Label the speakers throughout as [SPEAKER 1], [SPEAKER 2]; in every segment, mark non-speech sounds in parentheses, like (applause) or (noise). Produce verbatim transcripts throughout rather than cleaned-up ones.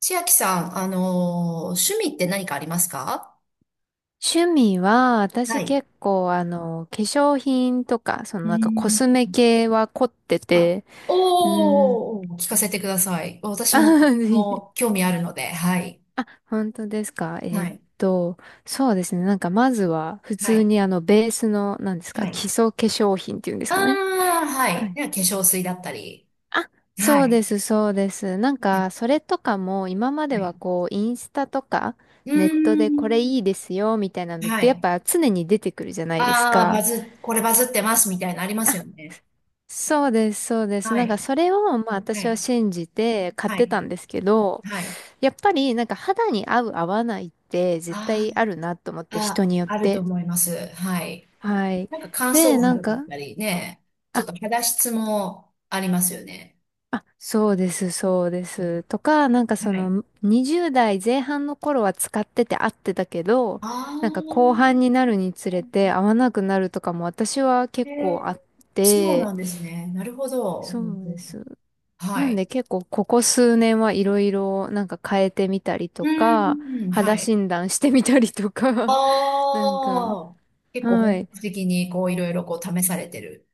[SPEAKER 1] 千秋さん、あのー趣味って何かありますか？
[SPEAKER 2] 趣味は、
[SPEAKER 1] は
[SPEAKER 2] 私
[SPEAKER 1] い。
[SPEAKER 2] 結構、あの、化粧品とか、その
[SPEAKER 1] う
[SPEAKER 2] なんかコ
[SPEAKER 1] ー
[SPEAKER 2] ス
[SPEAKER 1] ん。
[SPEAKER 2] メ系は凝って
[SPEAKER 1] あ、
[SPEAKER 2] て、うーん。
[SPEAKER 1] おー、聞かせてください。
[SPEAKER 2] (laughs)
[SPEAKER 1] 私
[SPEAKER 2] あ
[SPEAKER 1] も、
[SPEAKER 2] はは、
[SPEAKER 1] もう、興味あるので、はい。
[SPEAKER 2] あ本当ですか。え
[SPEAKER 1] は
[SPEAKER 2] ーっ
[SPEAKER 1] い。
[SPEAKER 2] と、そうですね。なんかまずは、普
[SPEAKER 1] は
[SPEAKER 2] 通
[SPEAKER 1] い。
[SPEAKER 2] にあの、ベースの、なんです
[SPEAKER 1] は
[SPEAKER 2] か、基
[SPEAKER 1] い。
[SPEAKER 2] 礎化粧品っていうんです
[SPEAKER 1] あ
[SPEAKER 2] かね。
[SPEAKER 1] あ、は
[SPEAKER 2] は
[SPEAKER 1] い。
[SPEAKER 2] い
[SPEAKER 1] では化粧水だったり。
[SPEAKER 2] あ
[SPEAKER 1] は
[SPEAKER 2] そうで
[SPEAKER 1] い。
[SPEAKER 2] す、そうです。なんか、そ
[SPEAKER 1] は
[SPEAKER 2] れとかも、今までは
[SPEAKER 1] い。
[SPEAKER 2] こう、インスタとか、
[SPEAKER 1] うー
[SPEAKER 2] ネットでこれい
[SPEAKER 1] ん。
[SPEAKER 2] いですよ、みたいなのっ
[SPEAKER 1] は
[SPEAKER 2] て、やっ
[SPEAKER 1] い。
[SPEAKER 2] ぱ常に出てくるじゃないです
[SPEAKER 1] ああ、バ
[SPEAKER 2] か。
[SPEAKER 1] ズ、これバズってますみたいなのありますよね。
[SPEAKER 2] そうです、そうです。
[SPEAKER 1] は
[SPEAKER 2] なんか
[SPEAKER 1] い。
[SPEAKER 2] それを、まあ
[SPEAKER 1] は
[SPEAKER 2] 私は
[SPEAKER 1] い。
[SPEAKER 2] 信じて買っ
[SPEAKER 1] は
[SPEAKER 2] て
[SPEAKER 1] い。
[SPEAKER 2] たんですけど、
[SPEAKER 1] はい。
[SPEAKER 2] やっぱりなんか肌に合う合わないって絶
[SPEAKER 1] あ
[SPEAKER 2] 対あるなと思っ
[SPEAKER 1] ー、
[SPEAKER 2] て人
[SPEAKER 1] あ、
[SPEAKER 2] によっ
[SPEAKER 1] あると
[SPEAKER 2] て。
[SPEAKER 1] 思います。はい。
[SPEAKER 2] はい。
[SPEAKER 1] なんか乾
[SPEAKER 2] で、
[SPEAKER 1] 燥
[SPEAKER 2] なん
[SPEAKER 1] 肌だっ
[SPEAKER 2] か、
[SPEAKER 1] たりね、ちょっ
[SPEAKER 2] あ、
[SPEAKER 1] と肌質もありますよね。
[SPEAKER 2] あ、そうです、
[SPEAKER 1] うん、
[SPEAKER 2] そうです。とか、なんかそ
[SPEAKER 1] はい。
[SPEAKER 2] のにじゅうだい代前半の頃は使ってて合ってたけど、
[SPEAKER 1] ああ、
[SPEAKER 2] なんか後半になるにつれて合わなくなるとかも私は
[SPEAKER 1] へ
[SPEAKER 2] 結構
[SPEAKER 1] え、
[SPEAKER 2] あっ
[SPEAKER 1] そう
[SPEAKER 2] て、
[SPEAKER 1] なんですね。なるほど。う
[SPEAKER 2] そ
[SPEAKER 1] ん
[SPEAKER 2] う
[SPEAKER 1] う
[SPEAKER 2] で
[SPEAKER 1] ん、
[SPEAKER 2] す。
[SPEAKER 1] は
[SPEAKER 2] なん
[SPEAKER 1] い。
[SPEAKER 2] で結構ここ数年はいろいろなんか変えてみたり
[SPEAKER 1] う
[SPEAKER 2] とか、
[SPEAKER 1] ん、うん、は
[SPEAKER 2] 肌
[SPEAKER 1] い。
[SPEAKER 2] 診断してみたりとか、(laughs) なんか、
[SPEAKER 1] ああ、結構
[SPEAKER 2] は
[SPEAKER 1] 本
[SPEAKER 2] い。
[SPEAKER 1] 格的にこういろいろこう試されてる。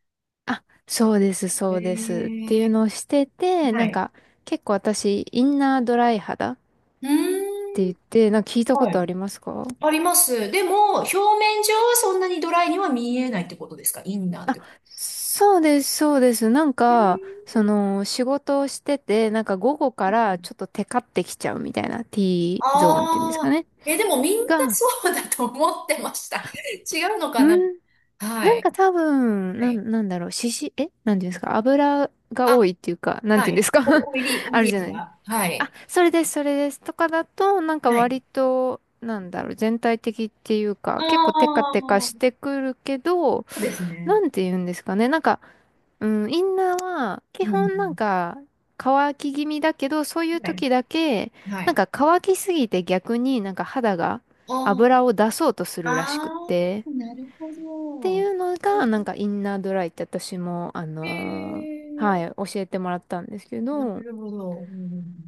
[SPEAKER 2] あ、そうです、そ
[SPEAKER 1] へ
[SPEAKER 2] うですっていう
[SPEAKER 1] え、
[SPEAKER 2] のをしてて、
[SPEAKER 1] は
[SPEAKER 2] なん
[SPEAKER 1] い。
[SPEAKER 2] か結構私、インナードライ肌っ
[SPEAKER 1] うー
[SPEAKER 2] て言
[SPEAKER 1] ん、
[SPEAKER 2] って、なんか聞いたこ
[SPEAKER 1] は
[SPEAKER 2] とあ
[SPEAKER 1] い。
[SPEAKER 2] りますか？
[SPEAKER 1] あります。でも、表面上はそんなにドライには見えないってことですか？インナーっ
[SPEAKER 2] あ、
[SPEAKER 1] てこ
[SPEAKER 2] そうです、そうです。なん
[SPEAKER 1] と。へ
[SPEAKER 2] か、
[SPEAKER 1] ー。
[SPEAKER 2] その、仕事をしてて、なんか午後からちょっとテカってきちゃうみたいな ティーゾーンっていうんですか
[SPEAKER 1] ああ、
[SPEAKER 2] ね。
[SPEAKER 1] え、でもみんな
[SPEAKER 2] が、
[SPEAKER 1] そうだと思ってました。違うのかな？
[SPEAKER 2] ん
[SPEAKER 1] は
[SPEAKER 2] なん
[SPEAKER 1] い。
[SPEAKER 2] か多分、
[SPEAKER 1] は
[SPEAKER 2] な
[SPEAKER 1] い。
[SPEAKER 2] ん、なんだろう、しし、えなんていうんですか油が
[SPEAKER 1] あ、
[SPEAKER 2] 多いっていうか、なん
[SPEAKER 1] は
[SPEAKER 2] ていうんで
[SPEAKER 1] い。
[SPEAKER 2] すか (laughs)
[SPEAKER 1] お、おいり、おい
[SPEAKER 2] ある
[SPEAKER 1] り
[SPEAKER 2] じゃない。
[SPEAKER 1] が。は
[SPEAKER 2] あ、
[SPEAKER 1] い。
[SPEAKER 2] それです、それです。とかだと、なんか
[SPEAKER 1] はい。
[SPEAKER 2] 割と、なんだろう、全体的っていう
[SPEAKER 1] あ
[SPEAKER 2] か、結構テ
[SPEAKER 1] あ、
[SPEAKER 2] カテカし
[SPEAKER 1] そ
[SPEAKER 2] てくるけど、
[SPEAKER 1] うですね。
[SPEAKER 2] なんて言うんですかね。なんか、うん、インナーは、基
[SPEAKER 1] う
[SPEAKER 2] 本なん
[SPEAKER 1] ん。
[SPEAKER 2] か、乾き気味だけど、そういう
[SPEAKER 1] はい。
[SPEAKER 2] 時だけ、
[SPEAKER 1] は
[SPEAKER 2] なん
[SPEAKER 1] い。
[SPEAKER 2] か乾きすぎて逆になんか肌が
[SPEAKER 1] あ
[SPEAKER 2] 油を出そうとす
[SPEAKER 1] あ、
[SPEAKER 2] るらしくっ
[SPEAKER 1] あ
[SPEAKER 2] て。
[SPEAKER 1] あ、なるほ
[SPEAKER 2] ってい
[SPEAKER 1] ど。
[SPEAKER 2] うのが、なんかインナードライって私も、あ
[SPEAKER 1] え
[SPEAKER 2] のーはい、
[SPEAKER 1] え、
[SPEAKER 2] 教えてもらったんですけ
[SPEAKER 1] な
[SPEAKER 2] ど、
[SPEAKER 1] るほど。う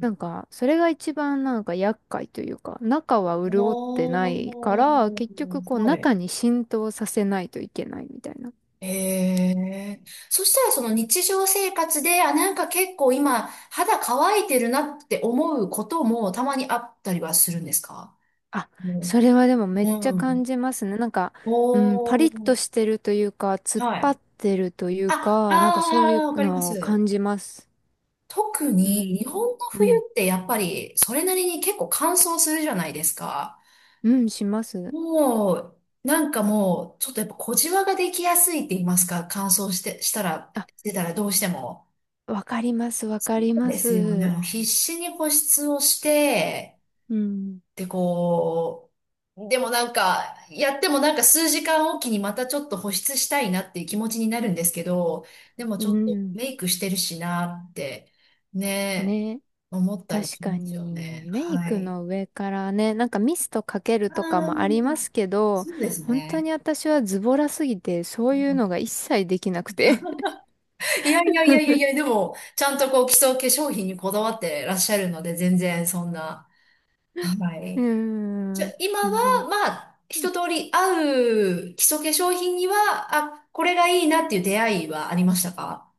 [SPEAKER 2] なんか、それが一番なんか厄介というか、中は潤ってないか
[SPEAKER 1] お
[SPEAKER 2] ら、結
[SPEAKER 1] ー、
[SPEAKER 2] 局こう
[SPEAKER 1] はい。
[SPEAKER 2] 中に浸透させないといけないみたいな。
[SPEAKER 1] へえ。そしたらその日常生活で、あ、なんか結構今肌乾いてるなって思うこともたまにあったりはするんですか？
[SPEAKER 2] あ、
[SPEAKER 1] うん。
[SPEAKER 2] それはでもめっちゃ
[SPEAKER 1] うん。
[SPEAKER 2] 感じますね。なんか、うん、パ
[SPEAKER 1] お
[SPEAKER 2] リッと
[SPEAKER 1] ー。
[SPEAKER 2] してるというか、突っ
[SPEAKER 1] は
[SPEAKER 2] 張っ
[SPEAKER 1] い。
[SPEAKER 2] てるという
[SPEAKER 1] あ、
[SPEAKER 2] か、なんかそう
[SPEAKER 1] あ
[SPEAKER 2] いう
[SPEAKER 1] ー、わかりま
[SPEAKER 2] のを
[SPEAKER 1] す。
[SPEAKER 2] 感じます。
[SPEAKER 1] 特
[SPEAKER 2] う
[SPEAKER 1] に
[SPEAKER 2] ん、
[SPEAKER 1] 日本の
[SPEAKER 2] う
[SPEAKER 1] 冬
[SPEAKER 2] ん、
[SPEAKER 1] ってやっぱりそれなりに結構乾燥するじゃないですか。
[SPEAKER 2] うん、します。
[SPEAKER 1] もう、なんかもう、ちょっとやっぱ小じわができやすいって言いますか、乾燥して、したら、
[SPEAKER 2] あ、
[SPEAKER 1] してたらどうしても。
[SPEAKER 2] わかります、わかりま
[SPEAKER 1] ですよね。
[SPEAKER 2] す。
[SPEAKER 1] もう必死に保湿をして、
[SPEAKER 2] うん。
[SPEAKER 1] で、こう、でもなんか、やってもなんか数時間おきにまたちょっと保湿したいなっていう気持ちになるんですけど、でも
[SPEAKER 2] う
[SPEAKER 1] ちょっと
[SPEAKER 2] ん。
[SPEAKER 1] メイクしてるしなって、ね、
[SPEAKER 2] ね。
[SPEAKER 1] 思ったり
[SPEAKER 2] 確
[SPEAKER 1] しま
[SPEAKER 2] か
[SPEAKER 1] すよ
[SPEAKER 2] に、
[SPEAKER 1] ね。
[SPEAKER 2] メイ
[SPEAKER 1] は
[SPEAKER 2] ク
[SPEAKER 1] い。
[SPEAKER 2] の上からね、なんかミストかける
[SPEAKER 1] あ
[SPEAKER 2] とかもありま
[SPEAKER 1] あ、
[SPEAKER 2] すけど、
[SPEAKER 1] そうです
[SPEAKER 2] 本当
[SPEAKER 1] ね。
[SPEAKER 2] に私はズボラすぎて、そういうのが一切できなくて。(laughs)
[SPEAKER 1] いやいやいやいやいや、でも、ちゃんとこう基礎化粧品にこだわってらっしゃるので、全然そんな、は
[SPEAKER 2] う
[SPEAKER 1] い。じゃ
[SPEAKER 2] ー
[SPEAKER 1] あ、
[SPEAKER 2] ん。
[SPEAKER 1] 今
[SPEAKER 2] 全
[SPEAKER 1] は、
[SPEAKER 2] 然。
[SPEAKER 1] まあ、一通り合う基礎化粧品には、あ、これがいいなっていう出会いはありましたか？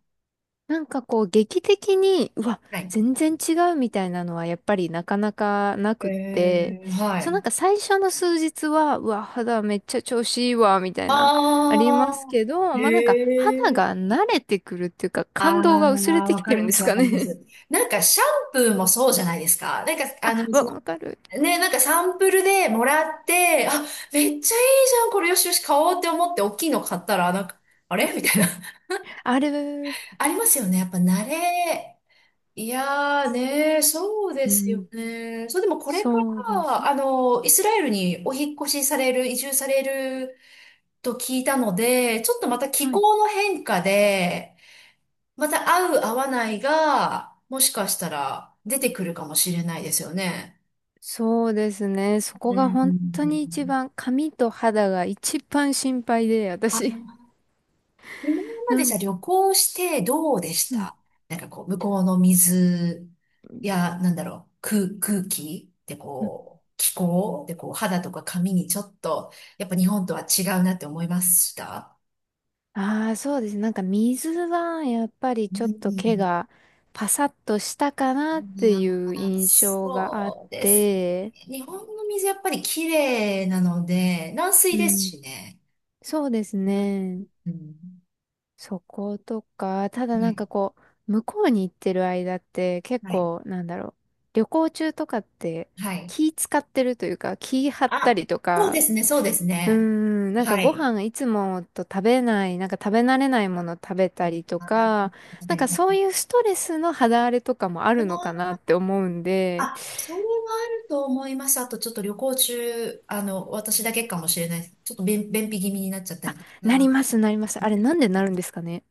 [SPEAKER 2] なんかこう劇的に、うわ、
[SPEAKER 1] はい。
[SPEAKER 2] 全然違うみたいなのはやっぱりなかなかな
[SPEAKER 1] え
[SPEAKER 2] くって、
[SPEAKER 1] ー、は
[SPEAKER 2] そうなん
[SPEAKER 1] い。
[SPEAKER 2] か最初の数日は、うわ、肌めっちゃ調子いいわ、みたいな、あります
[SPEAKER 1] あ
[SPEAKER 2] けど、
[SPEAKER 1] ー、へ
[SPEAKER 2] まあなんか肌
[SPEAKER 1] え。
[SPEAKER 2] が慣れてくるっていうか
[SPEAKER 1] あ
[SPEAKER 2] 感動が薄れ
[SPEAKER 1] あ、
[SPEAKER 2] て
[SPEAKER 1] わ
[SPEAKER 2] き
[SPEAKER 1] か
[SPEAKER 2] て
[SPEAKER 1] り
[SPEAKER 2] るん
[SPEAKER 1] ま
[SPEAKER 2] で
[SPEAKER 1] す、
[SPEAKER 2] す
[SPEAKER 1] わ
[SPEAKER 2] か
[SPEAKER 1] かります。
[SPEAKER 2] ね。
[SPEAKER 1] なんか、シャンプーもそうじゃないですか。なんか、あ
[SPEAKER 2] (laughs)
[SPEAKER 1] の、
[SPEAKER 2] わ、
[SPEAKER 1] そ
[SPEAKER 2] わかる。
[SPEAKER 1] の、ね、なんかサンプルでもらって、あ、めっちゃいいじゃん、これよしよし買おうって思って、大きいの買ったら、なんか、あれみたいな。
[SPEAKER 2] あれ、
[SPEAKER 1] (laughs) ありますよね。やっぱ慣れ。いやーねー、そうで
[SPEAKER 2] う
[SPEAKER 1] すよ
[SPEAKER 2] ん、
[SPEAKER 1] ね。そう、でもこれか
[SPEAKER 2] そうで
[SPEAKER 1] ら、
[SPEAKER 2] す。
[SPEAKER 1] あの、イスラエルにお引っ越しされる、移住されると聞いたので、ちょっとまた気
[SPEAKER 2] はい。
[SPEAKER 1] 候の変化で、また合う合わないが、もしかしたら出てくるかもしれないですよね。
[SPEAKER 2] そうですね。そこ
[SPEAKER 1] う
[SPEAKER 2] が
[SPEAKER 1] ん。
[SPEAKER 2] 本当に一番、髪と肌が一番心配で、私。
[SPEAKER 1] あ、今ま
[SPEAKER 2] な
[SPEAKER 1] でじ
[SPEAKER 2] ん、
[SPEAKER 1] ゃあ旅行してどうでし
[SPEAKER 2] うん。
[SPEAKER 1] た？なんかこう、向こうの水や、なんだろう、空、空気でこう、気候でこう、肌とか髪にちょっと、やっぱ日本とは違うなって思いました？
[SPEAKER 2] ああ、そうですね。なんか水はやっぱり
[SPEAKER 1] う
[SPEAKER 2] ち
[SPEAKER 1] ん
[SPEAKER 2] ょっと毛
[SPEAKER 1] う
[SPEAKER 2] がパサッとしたかなっ
[SPEAKER 1] ん。
[SPEAKER 2] て
[SPEAKER 1] ま
[SPEAKER 2] いう
[SPEAKER 1] あ
[SPEAKER 2] 印象があっ
[SPEAKER 1] そうですね。
[SPEAKER 2] て、
[SPEAKER 1] 日本の水やっぱり綺麗なので、軟水
[SPEAKER 2] う
[SPEAKER 1] です
[SPEAKER 2] ん、
[SPEAKER 1] しね。
[SPEAKER 2] そうです
[SPEAKER 1] うん。
[SPEAKER 2] ね。
[SPEAKER 1] うん、
[SPEAKER 2] そことか、ただ
[SPEAKER 1] は
[SPEAKER 2] なん
[SPEAKER 1] い。
[SPEAKER 2] かこう、向こうに行ってる間って結
[SPEAKER 1] はい。
[SPEAKER 2] 構なんだろう、旅行中とかって
[SPEAKER 1] はい。
[SPEAKER 2] 気使ってるというか、気張った
[SPEAKER 1] あ、
[SPEAKER 2] りと
[SPEAKER 1] そうで
[SPEAKER 2] か、
[SPEAKER 1] すね、そうです
[SPEAKER 2] うー
[SPEAKER 1] ね。
[SPEAKER 2] ん、なんか
[SPEAKER 1] は
[SPEAKER 2] ご
[SPEAKER 1] い。
[SPEAKER 2] 飯いつもと食べない、なんか食べ慣れないもの食べたりと
[SPEAKER 1] あ、
[SPEAKER 2] か、なん
[SPEAKER 1] 確
[SPEAKER 2] か
[SPEAKER 1] か
[SPEAKER 2] そう
[SPEAKER 1] に。
[SPEAKER 2] いうストレスの肌荒れとかもあ
[SPEAKER 1] あ
[SPEAKER 2] るのかなっ
[SPEAKER 1] ー、
[SPEAKER 2] て思うんで、
[SPEAKER 1] あ、それはあると思います。あと、ちょっと旅行中、あの、私だけかもしれない、ちょっと便、便秘気味になっちゃった
[SPEAKER 2] あ、
[SPEAKER 1] りと
[SPEAKER 2] なり
[SPEAKER 1] か。
[SPEAKER 2] ます、なります。あれなんでなるんですかね。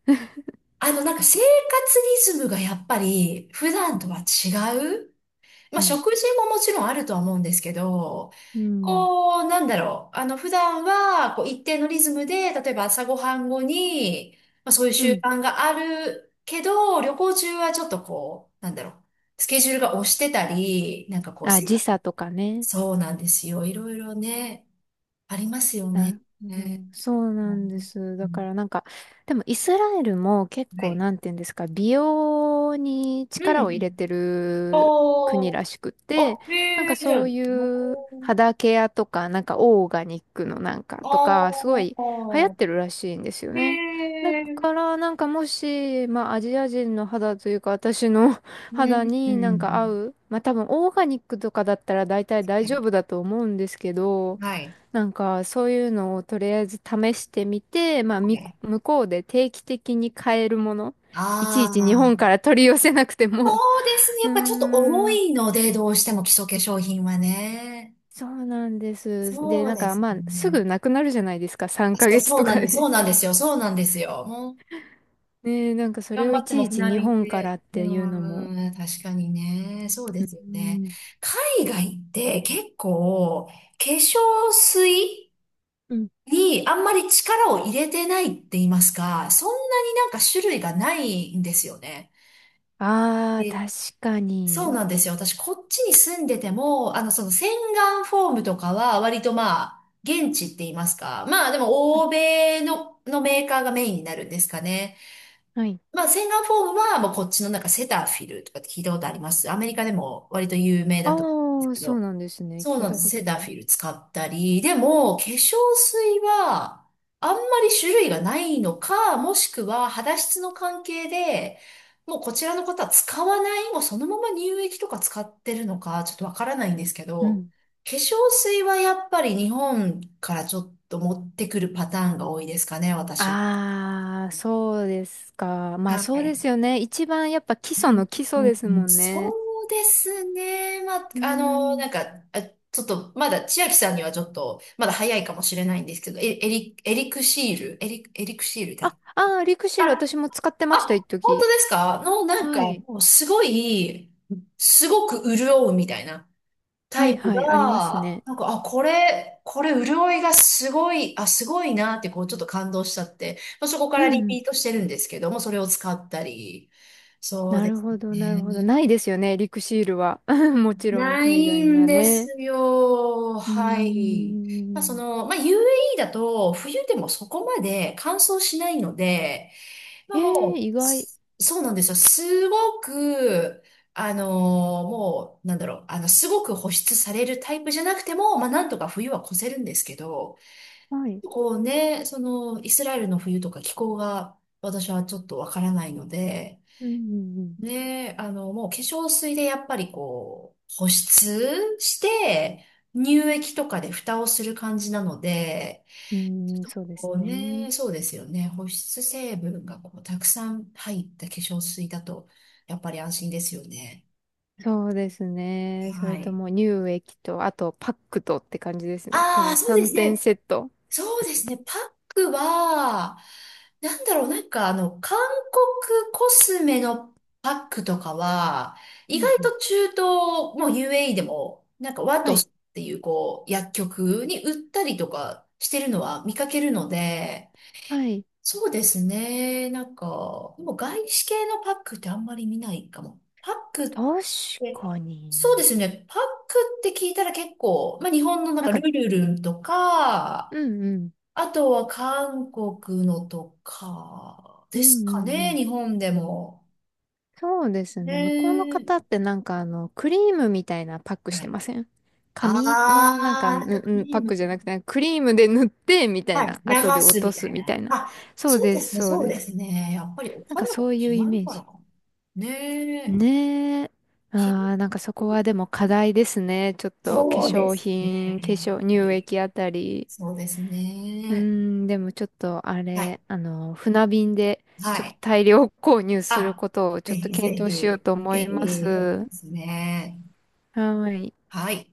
[SPEAKER 1] あの、なんか生活リズムがやっぱり普
[SPEAKER 2] う
[SPEAKER 1] 段と
[SPEAKER 2] ん。
[SPEAKER 1] は違う。ま
[SPEAKER 2] う
[SPEAKER 1] あ、
[SPEAKER 2] ん。
[SPEAKER 1] 食事ももちろんあるとは思うんですけど、
[SPEAKER 2] うん。
[SPEAKER 1] こう、なんだろう。あの、普段は、こう、一定のリズムで、例えば朝ごはん後に、まあ、そういう
[SPEAKER 2] う
[SPEAKER 1] 習
[SPEAKER 2] ん。
[SPEAKER 1] 慣があるけど、旅行中はちょっとこう、なんだろう。スケジュールが押してたり、なんかこう、
[SPEAKER 2] あ、
[SPEAKER 1] 生。
[SPEAKER 2] 時差とかね。
[SPEAKER 1] そうなんですよ。いろいろね、ありますよ
[SPEAKER 2] な
[SPEAKER 1] ね。
[SPEAKER 2] るほ
[SPEAKER 1] ね。
[SPEAKER 2] ど。そう
[SPEAKER 1] う
[SPEAKER 2] なんで
[SPEAKER 1] ん
[SPEAKER 2] す。
[SPEAKER 1] う
[SPEAKER 2] だか
[SPEAKER 1] ん、
[SPEAKER 2] らなんか、でもイスラエルも結
[SPEAKER 1] は
[SPEAKER 2] 構
[SPEAKER 1] い。
[SPEAKER 2] なんていうんですか、美容に
[SPEAKER 1] う
[SPEAKER 2] 力を
[SPEAKER 1] ん。
[SPEAKER 2] 入れてる国
[SPEAKER 1] おー、
[SPEAKER 2] らしく
[SPEAKER 1] あ、
[SPEAKER 2] て、なん
[SPEAKER 1] へ
[SPEAKER 2] か
[SPEAKER 1] え、じゃ
[SPEAKER 2] そう
[SPEAKER 1] あ、
[SPEAKER 2] いう
[SPEAKER 1] おー、
[SPEAKER 2] 肌ケアとか、なんかオーガニックのなんかとか、すご
[SPEAKER 1] あ
[SPEAKER 2] い流行っ
[SPEAKER 1] ー、
[SPEAKER 2] てるらしいんですよ
[SPEAKER 1] へ
[SPEAKER 2] ね。だ
[SPEAKER 1] え、
[SPEAKER 2] からなんかもし、まあアジア人の肌というか私の (laughs)
[SPEAKER 1] う
[SPEAKER 2] 肌
[SPEAKER 1] ん。う
[SPEAKER 2] になんか合
[SPEAKER 1] ん、
[SPEAKER 2] う、まあ多分オーガニックとかだったら大体大丈夫だと思うんですけど、
[SPEAKER 1] はい。
[SPEAKER 2] なんか、そういうのをとりあえず試してみて、まあ、
[SPEAKER 1] は
[SPEAKER 2] み、
[SPEAKER 1] い。
[SPEAKER 2] 向こうで定期的に買えるもの、いちいち日
[SPEAKER 1] ああ
[SPEAKER 2] 本から
[SPEAKER 1] ー、
[SPEAKER 2] 取り寄せなくても、
[SPEAKER 1] そうですね。
[SPEAKER 2] (laughs) う
[SPEAKER 1] や
[SPEAKER 2] ー
[SPEAKER 1] っぱちょっと重
[SPEAKER 2] ん、
[SPEAKER 1] いので、どうしても基礎化粧品はね。
[SPEAKER 2] そうなんです。で、
[SPEAKER 1] そう
[SPEAKER 2] なん
[SPEAKER 1] で
[SPEAKER 2] か、
[SPEAKER 1] す
[SPEAKER 2] まあ、す
[SPEAKER 1] ね。
[SPEAKER 2] ぐなくなるじゃないですか、3
[SPEAKER 1] あそう、
[SPEAKER 2] ヶ月
[SPEAKER 1] そ
[SPEAKER 2] と
[SPEAKER 1] うなん
[SPEAKER 2] か
[SPEAKER 1] です。
[SPEAKER 2] で。
[SPEAKER 1] そうなんですよ。そうなんですよ。
[SPEAKER 2] (laughs) ねえ、なんかそれ
[SPEAKER 1] 頑
[SPEAKER 2] を
[SPEAKER 1] 張
[SPEAKER 2] い
[SPEAKER 1] って
[SPEAKER 2] ち
[SPEAKER 1] も
[SPEAKER 2] いち
[SPEAKER 1] 船
[SPEAKER 2] 日
[SPEAKER 1] 便
[SPEAKER 2] 本から
[SPEAKER 1] で。
[SPEAKER 2] っ
[SPEAKER 1] う
[SPEAKER 2] ていうのも。
[SPEAKER 1] ーん、確かにね。そうで
[SPEAKER 2] うー
[SPEAKER 1] すよね。
[SPEAKER 2] ん。
[SPEAKER 1] 海外って結構、化粧水
[SPEAKER 2] うん。
[SPEAKER 1] にあんまり力を入れてないって言いますか、そんなになんか種類がないんですよね。
[SPEAKER 2] ああ、
[SPEAKER 1] で、
[SPEAKER 2] 確か
[SPEAKER 1] そう
[SPEAKER 2] に。
[SPEAKER 1] なんですよ。私、こっちに住んでても、あの、その洗顔フォームとかは割とまあ、現地って言いますか。まあ、でも、欧米の、のメーカーがメインになるんですかね。
[SPEAKER 2] はい。
[SPEAKER 1] まあ、洗顔フォームは、もうこっちのなんかセタフィルとかって聞いたことあります。アメリカでも割と有名
[SPEAKER 2] ああ
[SPEAKER 1] だと思うんです
[SPEAKER 2] ー、
[SPEAKER 1] け
[SPEAKER 2] そう
[SPEAKER 1] ど。
[SPEAKER 2] なんですね。
[SPEAKER 1] そう
[SPEAKER 2] 聞い
[SPEAKER 1] なん
[SPEAKER 2] た
[SPEAKER 1] です。
[SPEAKER 2] こ
[SPEAKER 1] セ
[SPEAKER 2] と
[SPEAKER 1] タ
[SPEAKER 2] ない。
[SPEAKER 1] フィル使ったり。でも、化粧水は、あんまり種類がないのか、もしくは肌質の関係で、もうこちらの方は使わない、もうそのまま乳液とか使ってるのか、ちょっとわからないんですけ
[SPEAKER 2] う
[SPEAKER 1] ど、
[SPEAKER 2] ん。
[SPEAKER 1] 化粧水はやっぱり日本からちょっと持ってくるパターンが多いですかね、私。
[SPEAKER 2] ああ、そうですか。まあ
[SPEAKER 1] は
[SPEAKER 2] そうで
[SPEAKER 1] い。
[SPEAKER 2] すよね。一番やっぱ基礎の基
[SPEAKER 1] う
[SPEAKER 2] 礎ですも
[SPEAKER 1] ん、
[SPEAKER 2] ん
[SPEAKER 1] そ
[SPEAKER 2] ね。
[SPEAKER 1] うですね。まあ、
[SPEAKER 2] うー
[SPEAKER 1] あの、なん
[SPEAKER 2] ん。
[SPEAKER 1] か、あ、ちょっと、まだ、千秋さんにはちょっと、まだ早いかもしれないんですけど、エエリ、エリクシール、エリ、エリクシールだ。
[SPEAKER 2] あ、ああ、リク
[SPEAKER 1] あ、
[SPEAKER 2] シル私も使ってました、一
[SPEAKER 1] あ、本
[SPEAKER 2] 時。
[SPEAKER 1] 当ですか？の、なんか、
[SPEAKER 2] はい。
[SPEAKER 1] もうすごい、すごく潤うみたいなタ
[SPEAKER 2] はい
[SPEAKER 1] イプ
[SPEAKER 2] はい、あります
[SPEAKER 1] が、
[SPEAKER 2] ね。
[SPEAKER 1] なんか、あ、これ、これ潤いがすごい、あ、すごいなって、こう、ちょっと感動しちゃって、まあ、そこか
[SPEAKER 2] う
[SPEAKER 1] ら
[SPEAKER 2] ん
[SPEAKER 1] リ
[SPEAKER 2] うん。
[SPEAKER 1] ピートしてるんですけども、それを使ったり、そう
[SPEAKER 2] な
[SPEAKER 1] で
[SPEAKER 2] る
[SPEAKER 1] す
[SPEAKER 2] ほど、なるほど。ない
[SPEAKER 1] ね。
[SPEAKER 2] ですよね、リクシールは。(laughs) もちろん
[SPEAKER 1] な
[SPEAKER 2] 海
[SPEAKER 1] い
[SPEAKER 2] 外に
[SPEAKER 1] ん
[SPEAKER 2] は
[SPEAKER 1] です
[SPEAKER 2] ね。
[SPEAKER 1] よ。
[SPEAKER 2] うー
[SPEAKER 1] はい。まあ、そ
[SPEAKER 2] ん。
[SPEAKER 1] の、まあ、ユーエーイー だと、冬でもそこまで乾燥しないので、まあ、
[SPEAKER 2] え
[SPEAKER 1] も
[SPEAKER 2] え、意
[SPEAKER 1] う、
[SPEAKER 2] 外。
[SPEAKER 1] す、そうなんですよ。すごく、あのーもう、なんだろう、あの、すごく保湿されるタイプじゃなくても、まあ、なんとか冬は越せるんですけど、
[SPEAKER 2] はい。
[SPEAKER 1] こうね、その、イスラエルの冬とか気候が、私はちょっとわからないので、
[SPEAKER 2] うんうん
[SPEAKER 1] ねえ、あの、もう化粧水でやっぱりこう、保湿して、乳液とかで蓋をする感じなので、
[SPEAKER 2] うん。うーん、そうです
[SPEAKER 1] こう
[SPEAKER 2] ね。
[SPEAKER 1] ね、そうですよね。保湿成分がこう、たくさん入った化粧水だと、やっぱり安心ですよね。
[SPEAKER 2] そうですね。そ
[SPEAKER 1] は
[SPEAKER 2] れと
[SPEAKER 1] い。
[SPEAKER 2] も乳液と、あとパックとって感じですね。こ
[SPEAKER 1] あ
[SPEAKER 2] の
[SPEAKER 1] あ、そうで
[SPEAKER 2] 3
[SPEAKER 1] す
[SPEAKER 2] 点
[SPEAKER 1] ね。
[SPEAKER 2] セット。
[SPEAKER 1] そうですね。パックは、なんだろう、なんかあの、韓国コスメのパックとかは、
[SPEAKER 2] う
[SPEAKER 1] 意
[SPEAKER 2] ん
[SPEAKER 1] 外
[SPEAKER 2] うん。
[SPEAKER 1] と中東、もう ユーエーイー でも、なんかワ
[SPEAKER 2] は
[SPEAKER 1] ト
[SPEAKER 2] い。
[SPEAKER 1] スっていうこう、薬局に売ったりとかしてるのは見かけるので、
[SPEAKER 2] はい。
[SPEAKER 1] そうですね。なんか、もう外資系のパックってあんまり見ないかも。パックっ
[SPEAKER 2] 確
[SPEAKER 1] て、
[SPEAKER 2] か
[SPEAKER 1] そうで
[SPEAKER 2] に。
[SPEAKER 1] すね。パックって聞いたら結構、まあ日本のなん
[SPEAKER 2] なん
[SPEAKER 1] かル
[SPEAKER 2] か、
[SPEAKER 1] ルルンとか、
[SPEAKER 2] うんうん。
[SPEAKER 1] あとは韓国のとか
[SPEAKER 2] う
[SPEAKER 1] で
[SPEAKER 2] んう
[SPEAKER 1] すか
[SPEAKER 2] んう
[SPEAKER 1] ね、
[SPEAKER 2] ん。
[SPEAKER 1] 日本でも。
[SPEAKER 2] そうです
[SPEAKER 1] ね
[SPEAKER 2] ね。向こうの
[SPEAKER 1] え。
[SPEAKER 2] 方ってなんかあの、クリームみたいなパックし
[SPEAKER 1] は
[SPEAKER 2] て
[SPEAKER 1] い。
[SPEAKER 2] ません？紙のなんか、
[SPEAKER 1] あ
[SPEAKER 2] う
[SPEAKER 1] ー、な
[SPEAKER 2] ん
[SPEAKER 1] んかク
[SPEAKER 2] うんパ
[SPEAKER 1] リ
[SPEAKER 2] ッ
[SPEAKER 1] ーム、
[SPEAKER 2] クじゃなくて、クリームで塗ってみたい
[SPEAKER 1] はい、
[SPEAKER 2] な。
[SPEAKER 1] 流
[SPEAKER 2] 後で落
[SPEAKER 1] す
[SPEAKER 2] と
[SPEAKER 1] みた
[SPEAKER 2] す
[SPEAKER 1] い
[SPEAKER 2] みた
[SPEAKER 1] な。
[SPEAKER 2] いな。
[SPEAKER 1] あ、
[SPEAKER 2] そう
[SPEAKER 1] そう
[SPEAKER 2] で
[SPEAKER 1] で
[SPEAKER 2] す、
[SPEAKER 1] すね、
[SPEAKER 2] そう
[SPEAKER 1] そう
[SPEAKER 2] で
[SPEAKER 1] で
[SPEAKER 2] す。
[SPEAKER 1] すね。やっぱりお
[SPEAKER 2] なんか
[SPEAKER 1] 肌が
[SPEAKER 2] そういうイ
[SPEAKER 1] 違
[SPEAKER 2] メ
[SPEAKER 1] う
[SPEAKER 2] ー
[SPEAKER 1] か
[SPEAKER 2] ジ。
[SPEAKER 1] らかな。ねえ。
[SPEAKER 2] ねえ。あ
[SPEAKER 1] ひ、
[SPEAKER 2] あ、なんかそこはでも課題ですね。ちょっと化
[SPEAKER 1] そうで
[SPEAKER 2] 粧
[SPEAKER 1] すね。
[SPEAKER 2] 品、化
[SPEAKER 1] や
[SPEAKER 2] 粧、
[SPEAKER 1] っぱ
[SPEAKER 2] 乳
[SPEAKER 1] り
[SPEAKER 2] 液あたり。
[SPEAKER 1] そうです
[SPEAKER 2] うー
[SPEAKER 1] ね。
[SPEAKER 2] ん、でもちょっとあ
[SPEAKER 1] はい。
[SPEAKER 2] れ、あの、船便で
[SPEAKER 1] は
[SPEAKER 2] ちょっと
[SPEAKER 1] い。
[SPEAKER 2] 大量購入する
[SPEAKER 1] あ、
[SPEAKER 2] ことをちょ
[SPEAKER 1] ぜ
[SPEAKER 2] っと
[SPEAKER 1] ひぜ
[SPEAKER 2] 検
[SPEAKER 1] ひ、
[SPEAKER 2] 討しようと思
[SPEAKER 1] ぜ
[SPEAKER 2] います。
[SPEAKER 1] ひ、そう
[SPEAKER 2] は
[SPEAKER 1] ですね。
[SPEAKER 2] ーい。
[SPEAKER 1] はい。